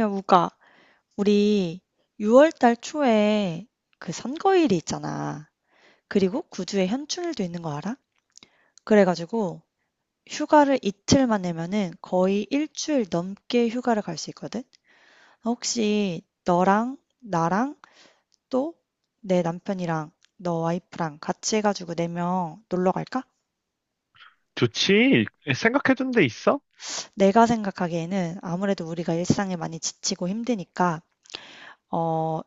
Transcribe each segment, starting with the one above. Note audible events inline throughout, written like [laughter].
야, 우가, 우리 6월 달 초에 그 선거일이 있잖아. 그리고 9주에 현충일도 있는 거 알아? 그래가지고 휴가를 이틀만 내면은 거의 일주일 넘게 휴가를 갈 수 있거든? 혹시 너랑 나랑 또 내 남편이랑 너 와이프랑 같이 해가지고 4명 놀러 갈까? 좋지. 생각해둔 데 있어? 내가 생각하기에는 아무래도 우리가 일상에 많이 지치고 힘드니까, 어,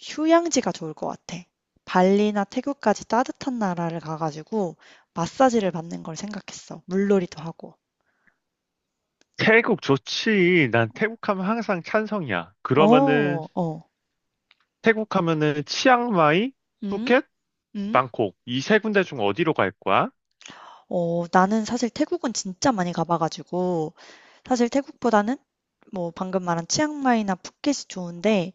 휴양지가 좋을 것 같아. 발리나 태국까지 따뜻한 나라를 가가지고 마사지를 받는 걸 생각했어. 물놀이도 하고. 태국 좋지. 난 태국 하면 항상 찬성이야. 어, 그러면은 어. 태국 하면은 치앙마이, 응? 푸켓, 응? 방콕 이 세 군데 중 어디로 갈 거야? 나는 사실 태국은 진짜 많이 가봐가지고 사실 태국보다는 뭐 방금 말한 치앙마이나 푸켓이 좋은데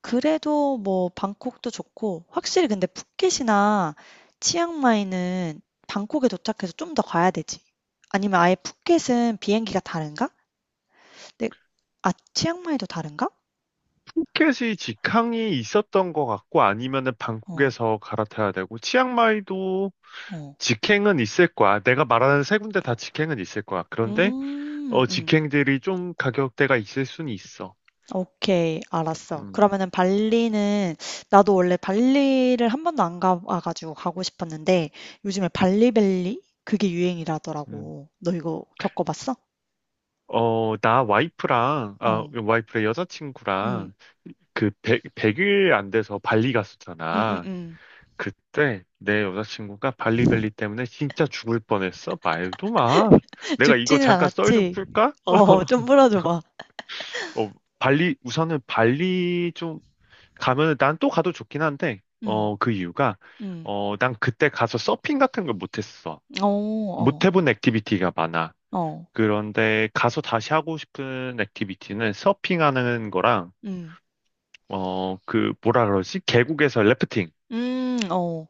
그래도 뭐 방콕도 좋고 확실히 근데 푸켓이나 치앙마이는 방콕에 도착해서 좀 더 가야 되지. 아니면 아예 푸켓은 비행기가 다른가? 네. 아 치앙마이도 다른가? 푸켓이 직항이 있었던 것 같고 아니면은 어. 방콕에서 갈아타야 되고 치앙마이도 어. 직행은 있을 거야. 내가 말하는 세 군데 다 직행은 있을 거야. 그런데 음. 음. 직행들이 좀 가격대가 있을 수는 있어. 오케이. 알았어. 음, 그러면은 발리는 나도 원래 발리를 한 번도 안 가봐 가지고 가고 싶었는데 요즘에 발리벨리 그게 음. 유행이라더라고. 너 이거 겪어 봤어? 나 와이프랑, 어. 와이프의 음. 여자친구랑 그 100, 일 안 돼서 발리 음음 갔었잖아. 응 그때 내 여자친구가 발리벨리 때문에 진짜 죽을 뻔했어. 말도 마. 내가 이거 죽지는 잠깐 썰 좀 않았지? 풀까? 어 좀 [laughs] 풀어줘 봐. 어, 우선은 발리 좀 가면은 난 또 가도 좋긴 한데, 음. 그 이유가, 음. 난 그때 가서 서핑 같은 걸 못했어. 어. 못 어. 해본 액티비티가 많아. 어. 그런데 가서 다시 하고 싶은 액티비티는 서핑하는 거랑, 음. 뭐라 그러지? 계곡에서 래프팅. 음. 어.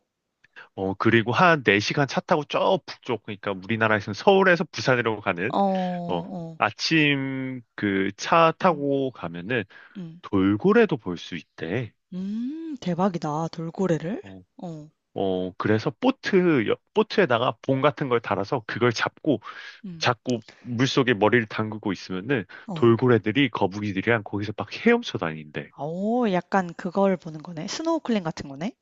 그리고 한 4시간 차 타고 저 북쪽, 그러니까 우리나라에서는 서울에서 부산으로 가는, 어. 어, 어. 아침 그 차 음. 타고 가면은 음. 돌고래도 볼 수 있대. 대박이다. 돌고래를? 어, 어. 그래서 보트, 보트에다가 봉 같은 걸 달아서 그걸 잡고 음. 자꾸 물속에 머리를 담그고 있으면은 어. 돌고래들이 거북이들이랑 거기서 막 헤엄쳐 다닌대. 아오 약간 그걸 보는 거네. 스노클링 같은 거네?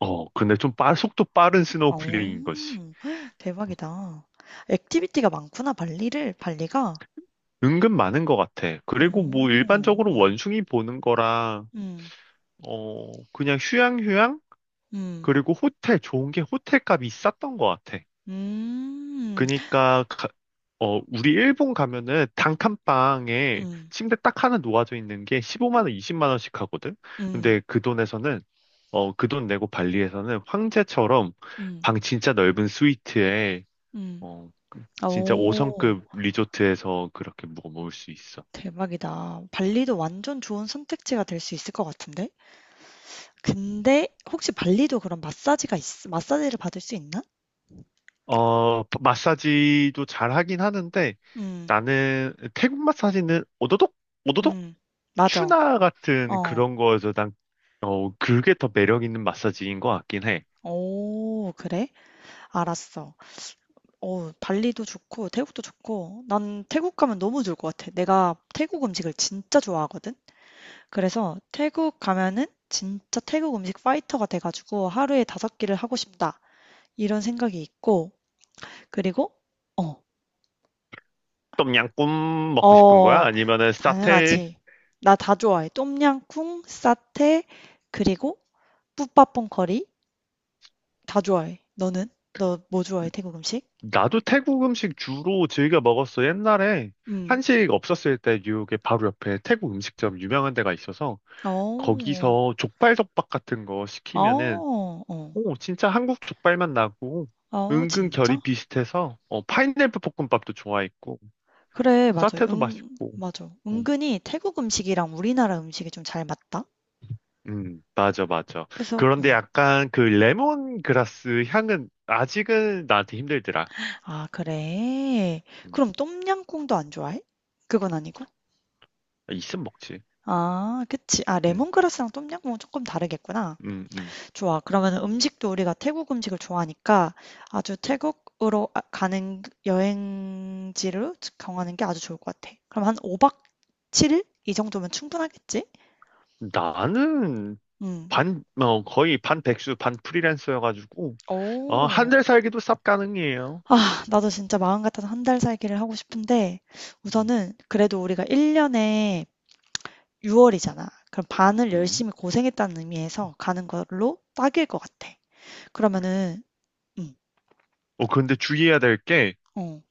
근데 좀 속도 빠른 오. 스노클링인 거지. [laughs] 대박이다. 액티비티가 많구나 발리를 발리가. 은근 많은 것 같아. 그리고 뭐 어. 일반적으로 어. 원숭이 보는 거랑 음. 그냥 휴양휴양? 음. 그리고 호텔, 좋은 게 호텔 값이 쌌던 것 같아. 음. 그니까, 우리 일본 가면은 단칸방에 음. 침대 딱 하나 놓아져 있는 게 15만 원, 20만 원씩 하거든? 음. 근데 그 돈에서는, 그 돈 내고 발리에서는 황제처럼 음. 방 진짜 넓은 스위트에, 음. 어, 진짜 오, 5성급 리조트에서 그렇게 묵어 먹을 수 있어. 대박이다. 발리도 완전 좋은 선택지가 될 수 있을 것 같은데? 근데 혹시 발리도 그런 마사지를 받을 수 있나? 마사지도 잘 하긴 하는데 음. 나는 태국 마사지는 오도독, 오도독 음, 맞아. 추나 같은 어. 그런 거에서 난, 그게 더 매력 있는 마사지인 것 같긴 해. 오, 그래? 알았어. 발리도 좋고, 태국도 좋고, 난 태국 가면 너무 좋을 것 같아. 내가 태국 음식을 진짜 좋아하거든? 그래서 태국 가면은 진짜 태국 음식 파이터가 돼가지고 하루에 다섯 끼를 하고 싶다. 이런 생각이 있고, 그리고, 어, 똠양꿍 먹고 싶은 거야? 어, 아니면은 사테? 당연하지. 나 다 좋아해. 똠양꿍, 사태, 그리고 뿌팟퐁 커리 다 좋아해. 너는? 너 뭐 좋아해, 태국 음식? 나도 태국 음식 주로 즐겨 먹었어. 옛날에 음. 한식 없었을 때 뉴욕에 바로 옆에 태국 음식점 유명한 데가 있어서 어. 거기서 족발 덮밥 같은 거 시키면은 어, 어. 오, 진짜 한국 족발맛 나고 어, 은근 결이 진짜? 비슷해서 파인애플 볶음밥도 좋아했고 그래 맞아. 사태도 응 맛있고. 맞아. 뭐, 음, 은근히 태국 음식이랑 우리나라 음식이 좀 잘 맞다. 맞아, 맞아. 그래서 어. 그런데 약간 그 레몬그라스 향은 아직은 나한테 힘들더라. 아 그래? 음, 그럼 똠양꿍도 안 좋아해? 그건 아니고? 있으면 먹지. 아 그치. 아 음, 레몬그라스랑 똠양꿍은 조금 다르겠구나. 음, 음. 좋아. 그러면 음식도 우리가 태국 음식을 좋아하니까 아주 가는 여행지를 정하는 게 아주 좋을 것 같아. 그럼 한 5박 7일? 이 정도면 충분하겠지? 나는 음. 반 거의 반 백수 반 프리랜서여가지고 한 어. 달 살기도 쌉 가능해요. 아 나도 진짜 마음 같아서 한 달 살기를 하고 싶은데 음, 우선은 그래도 우리가 1년에 6월이잖아. 그럼 반을 음. 열심히 고생했다는 의미에서 가는 걸로 딱일 것 같아. 그러면은 음. 근데 주의해야 될게 어.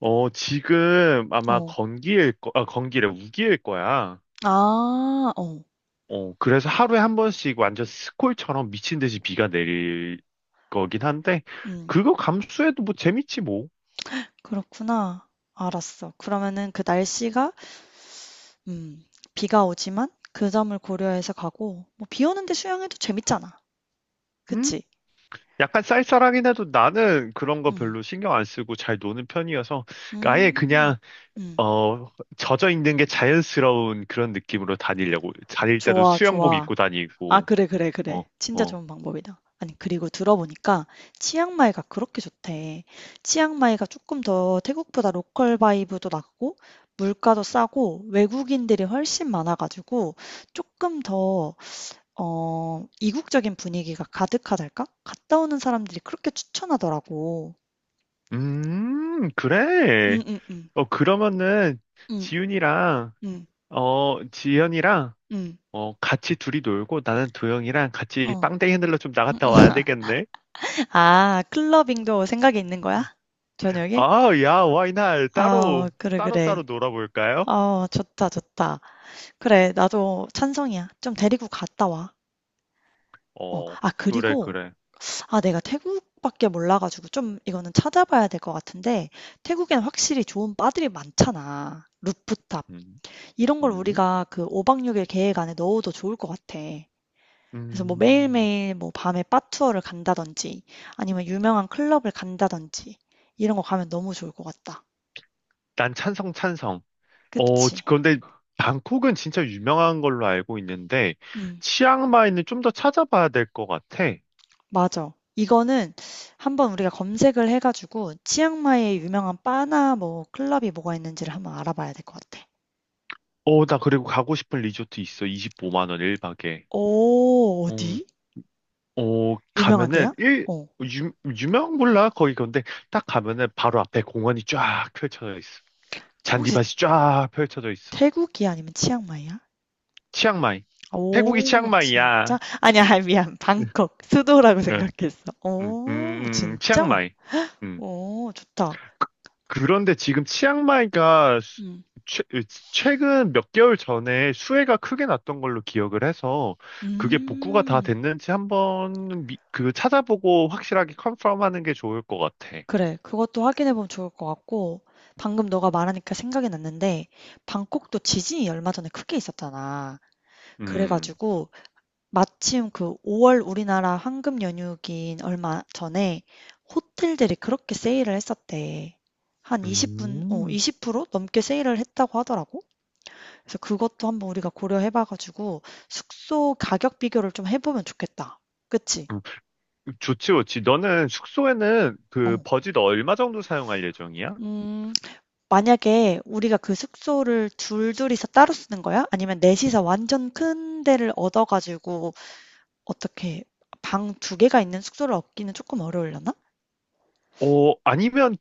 지금 아마 어. 건기래, 우기일 거야. 아. 어. 그래서 하루에 한 번씩 완전 스콜처럼 미친 듯이 비가 내릴 거긴 한데, 음. 그거 감수해도 뭐 재밌지 뭐. 그렇구나. 알았어. 그러면은 그 날씨가 음. 비가 오지만 그 점을 고려해서 가고 뭐 비 오는데 수영해도 재밌잖아. 응? 그치? 약간 쌀쌀하긴 해도 나는 그런 거 음. 별로 신경 안 쓰고 잘 노는 편이어서 아예 음. 그냥 음. 어 젖어 있는 게 자연스러운 그런 느낌으로 다니려고 다닐 때도 좋아, 수영복 입고 좋아. 아 다니고. 그래, 그래, 어, 그래. 진짜 어. 좋은 방법이다. 아니 그리고 들어보니까 치앙마이가 그렇게 좋대. 치앙마이가 조금 더 태국보다 로컬 바이브도 낮고 물가도 싸고 외국인들이 훨씬 많아 가지고 조금 더 이국적인 분위기가 가득하달까? 갔다 오는 사람들이 그렇게 추천하더라고. 그래. 응응응, 그러면은 응응응. 지윤이랑 지현이랑 같이 둘이 놀고 나는 도영이랑 같이 어. 빵댕이 흔들러 좀 나갔다 와야 되겠네. 아 클러빙도 생각이 있는 거야? 저녁에? 야, 와이날 아 따로 그래, 따로 그래. 따로 놀아볼까요? 어 좋다, 좋다. 그래, 나도 찬성이야. 좀 데리고 갔다 와. 어, 어, 아, 그래, 그리고, 그래. 아, 내가 태국밖에 몰라가지고 좀 이거는 찾아봐야 될 것 같은데, 태국엔 확실히 좋은 바들이 많잖아. 루프탑. 음, 이런 걸 음, 우리가 그 5박 6일 계획 안에 넣어도 좋을 것 같아. 그래서 뭐 음. 매일매일 뭐 밤에 바 투어를 간다든지, 아니면 유명한 클럽을 간다든지, 이런 거 가면 너무 좋을 것 같다. 난 찬성, 찬성. 그치? 그런데 방콕은 진짜 유명한 걸로 알고 있는데 음. 치앙마이는 좀 더 찾아봐야 될 것 같아. 맞아. 이거는 한번 우리가 검색을 해 가지고 치앙마이에 유명한 바나 뭐 클럽이 뭐가 있는지를 한번 알아봐야 될 것 같아. 나 그리고 가고 싶은 리조트 있어. 25만 원 1박에. 오, 어디? 어, 가면은 유명한데요? 일, 어. 유, 유명 몰라 거기 근데 딱 가면은 바로 앞에 공원이 쫙 펼쳐져 있어. 그 혹시 잔디밭이 쫙 펼쳐져 있어. 태국이야 아니면 치앙마이야? 치앙마이. 태국이 오, 진짜? 치앙마이야. 아니야, 아니, 미안. 응, 방콕, 수도라고 응, 생각했어. 응, 오, 응, 응, 진짜? 치앙마이. 음. 오, 좋다. 그런데 지금 치앙마이가 음. 최, 최근 몇 개월 전에 수해가 크게 났던 걸로 기억을 해서 그게 복구가 다 음. 됐는지 한번 그 찾아보고 확실하게 컨펌하는 게 좋을 것 같아. 그래. 그것도 확인해 보면 좋을 것 같고 방금 너가 말하니까 생각이 났는데 방콕도 지진이 얼마 전에 크게 있었잖아. 그래 음. 가지고 마침 그 5월 우리나라 황금 연휴긴 얼마 전에 호텔들이 그렇게 세일을 했었대. 한 음, 20% 넘게 세일을 했다고 하더라고. 그래서 그것도 한번 우리가 고려해 봐 가지고 숙소 가격 비교를 좀 해보면 좋겠다. 그치? 음, 좋지, 좋지. 너는 숙소에는 그 어. 버짓 얼마 정도 사용할 예정이야? 음, 만약에 우리가 그 숙소를 둘둘이서 따로 쓰는 거야? 아니면 넷이서 완전 큰 데를 얻어 가지고 어떻게 방 두 개가 있는 숙소를 얻기는 조금 어려울려나? 아니면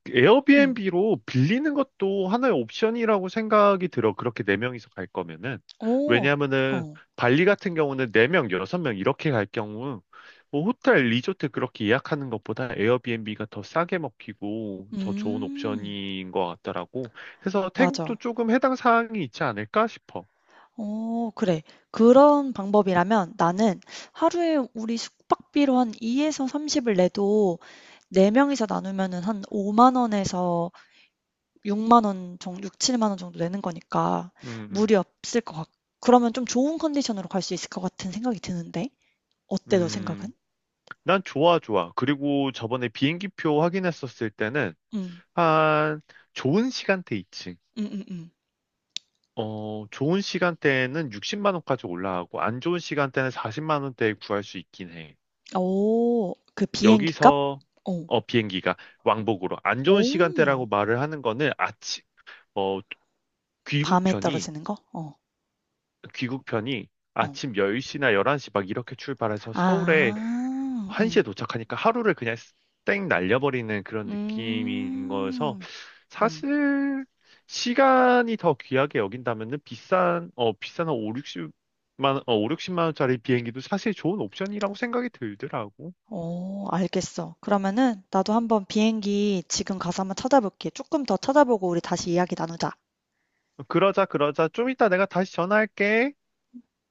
음. 에어비앤비로 빌리는 것도 하나의 옵션이라고 생각이 들어. 그렇게 네명이서갈 거면은. 오. 왜냐면은 어. 발리 같은 경우는 네명 여섯 명 이렇게 갈 경우 뭐 호텔, 리조트 그렇게 예약하는 것보다 에어비앤비가 더 싸게 먹히고 더 좋은 음. 옵션인 것 같더라고. 그래서 태국도 맞아. 조금 해당 사항이 있지 않을까 싶어. 어 그래. 그런 방법이라면 나는 하루에 우리 숙박비로 한2서3 0을 내도 4 명이서 나누면은 한5만 원에서 6만 원 정도, 6, 7만 원 정도 내는 거니까 음, 음. 무리 없을 것 같고. 그러면 좀 좋은 컨디션으로 갈 수 있을 것 같은 생각이 드는데. 어때, 너 생각은? 음, 난 좋아, 좋아. 그리고 저번에 비행기표 확인했었을 때는 응, 한 좋은 시간대 있지. 응, 응, 응. 좋은 시간대에는 60만 원까지 올라가고 안 좋은 시간대는 40만 원대에 구할 수 있긴 해. 오, 그 비행기 값? 여기서 오, 비행기가 왕복으로 안 좋은 오, 시간대라고 말을 하는 거는 아침 어, 밤에 귀국편이 떨어지는 거? 어, 귀국편이 어. 아침 10시나 11시 막 이렇게 출발해서 서울에 아, 응, 1시에 도착하니까 하루를 그냥 땡 날려버리는 그런 느낌인 거여서 음, 음. 사실 시간이 더 귀하게 여긴다면은 비싼 한 5, 6만어 5, 60만 원짜리 비행기도 사실 좋은 옵션이라고 생각이 들더라고. 오, 알겠어. 그러면은 나도 한번 비행기 지금 가서 한번 찾아볼게. 조금 더 찾아보고 우리 다시 이야기 나누자. 그러자, 그러자. 좀 이따 내가 다시 전화할게.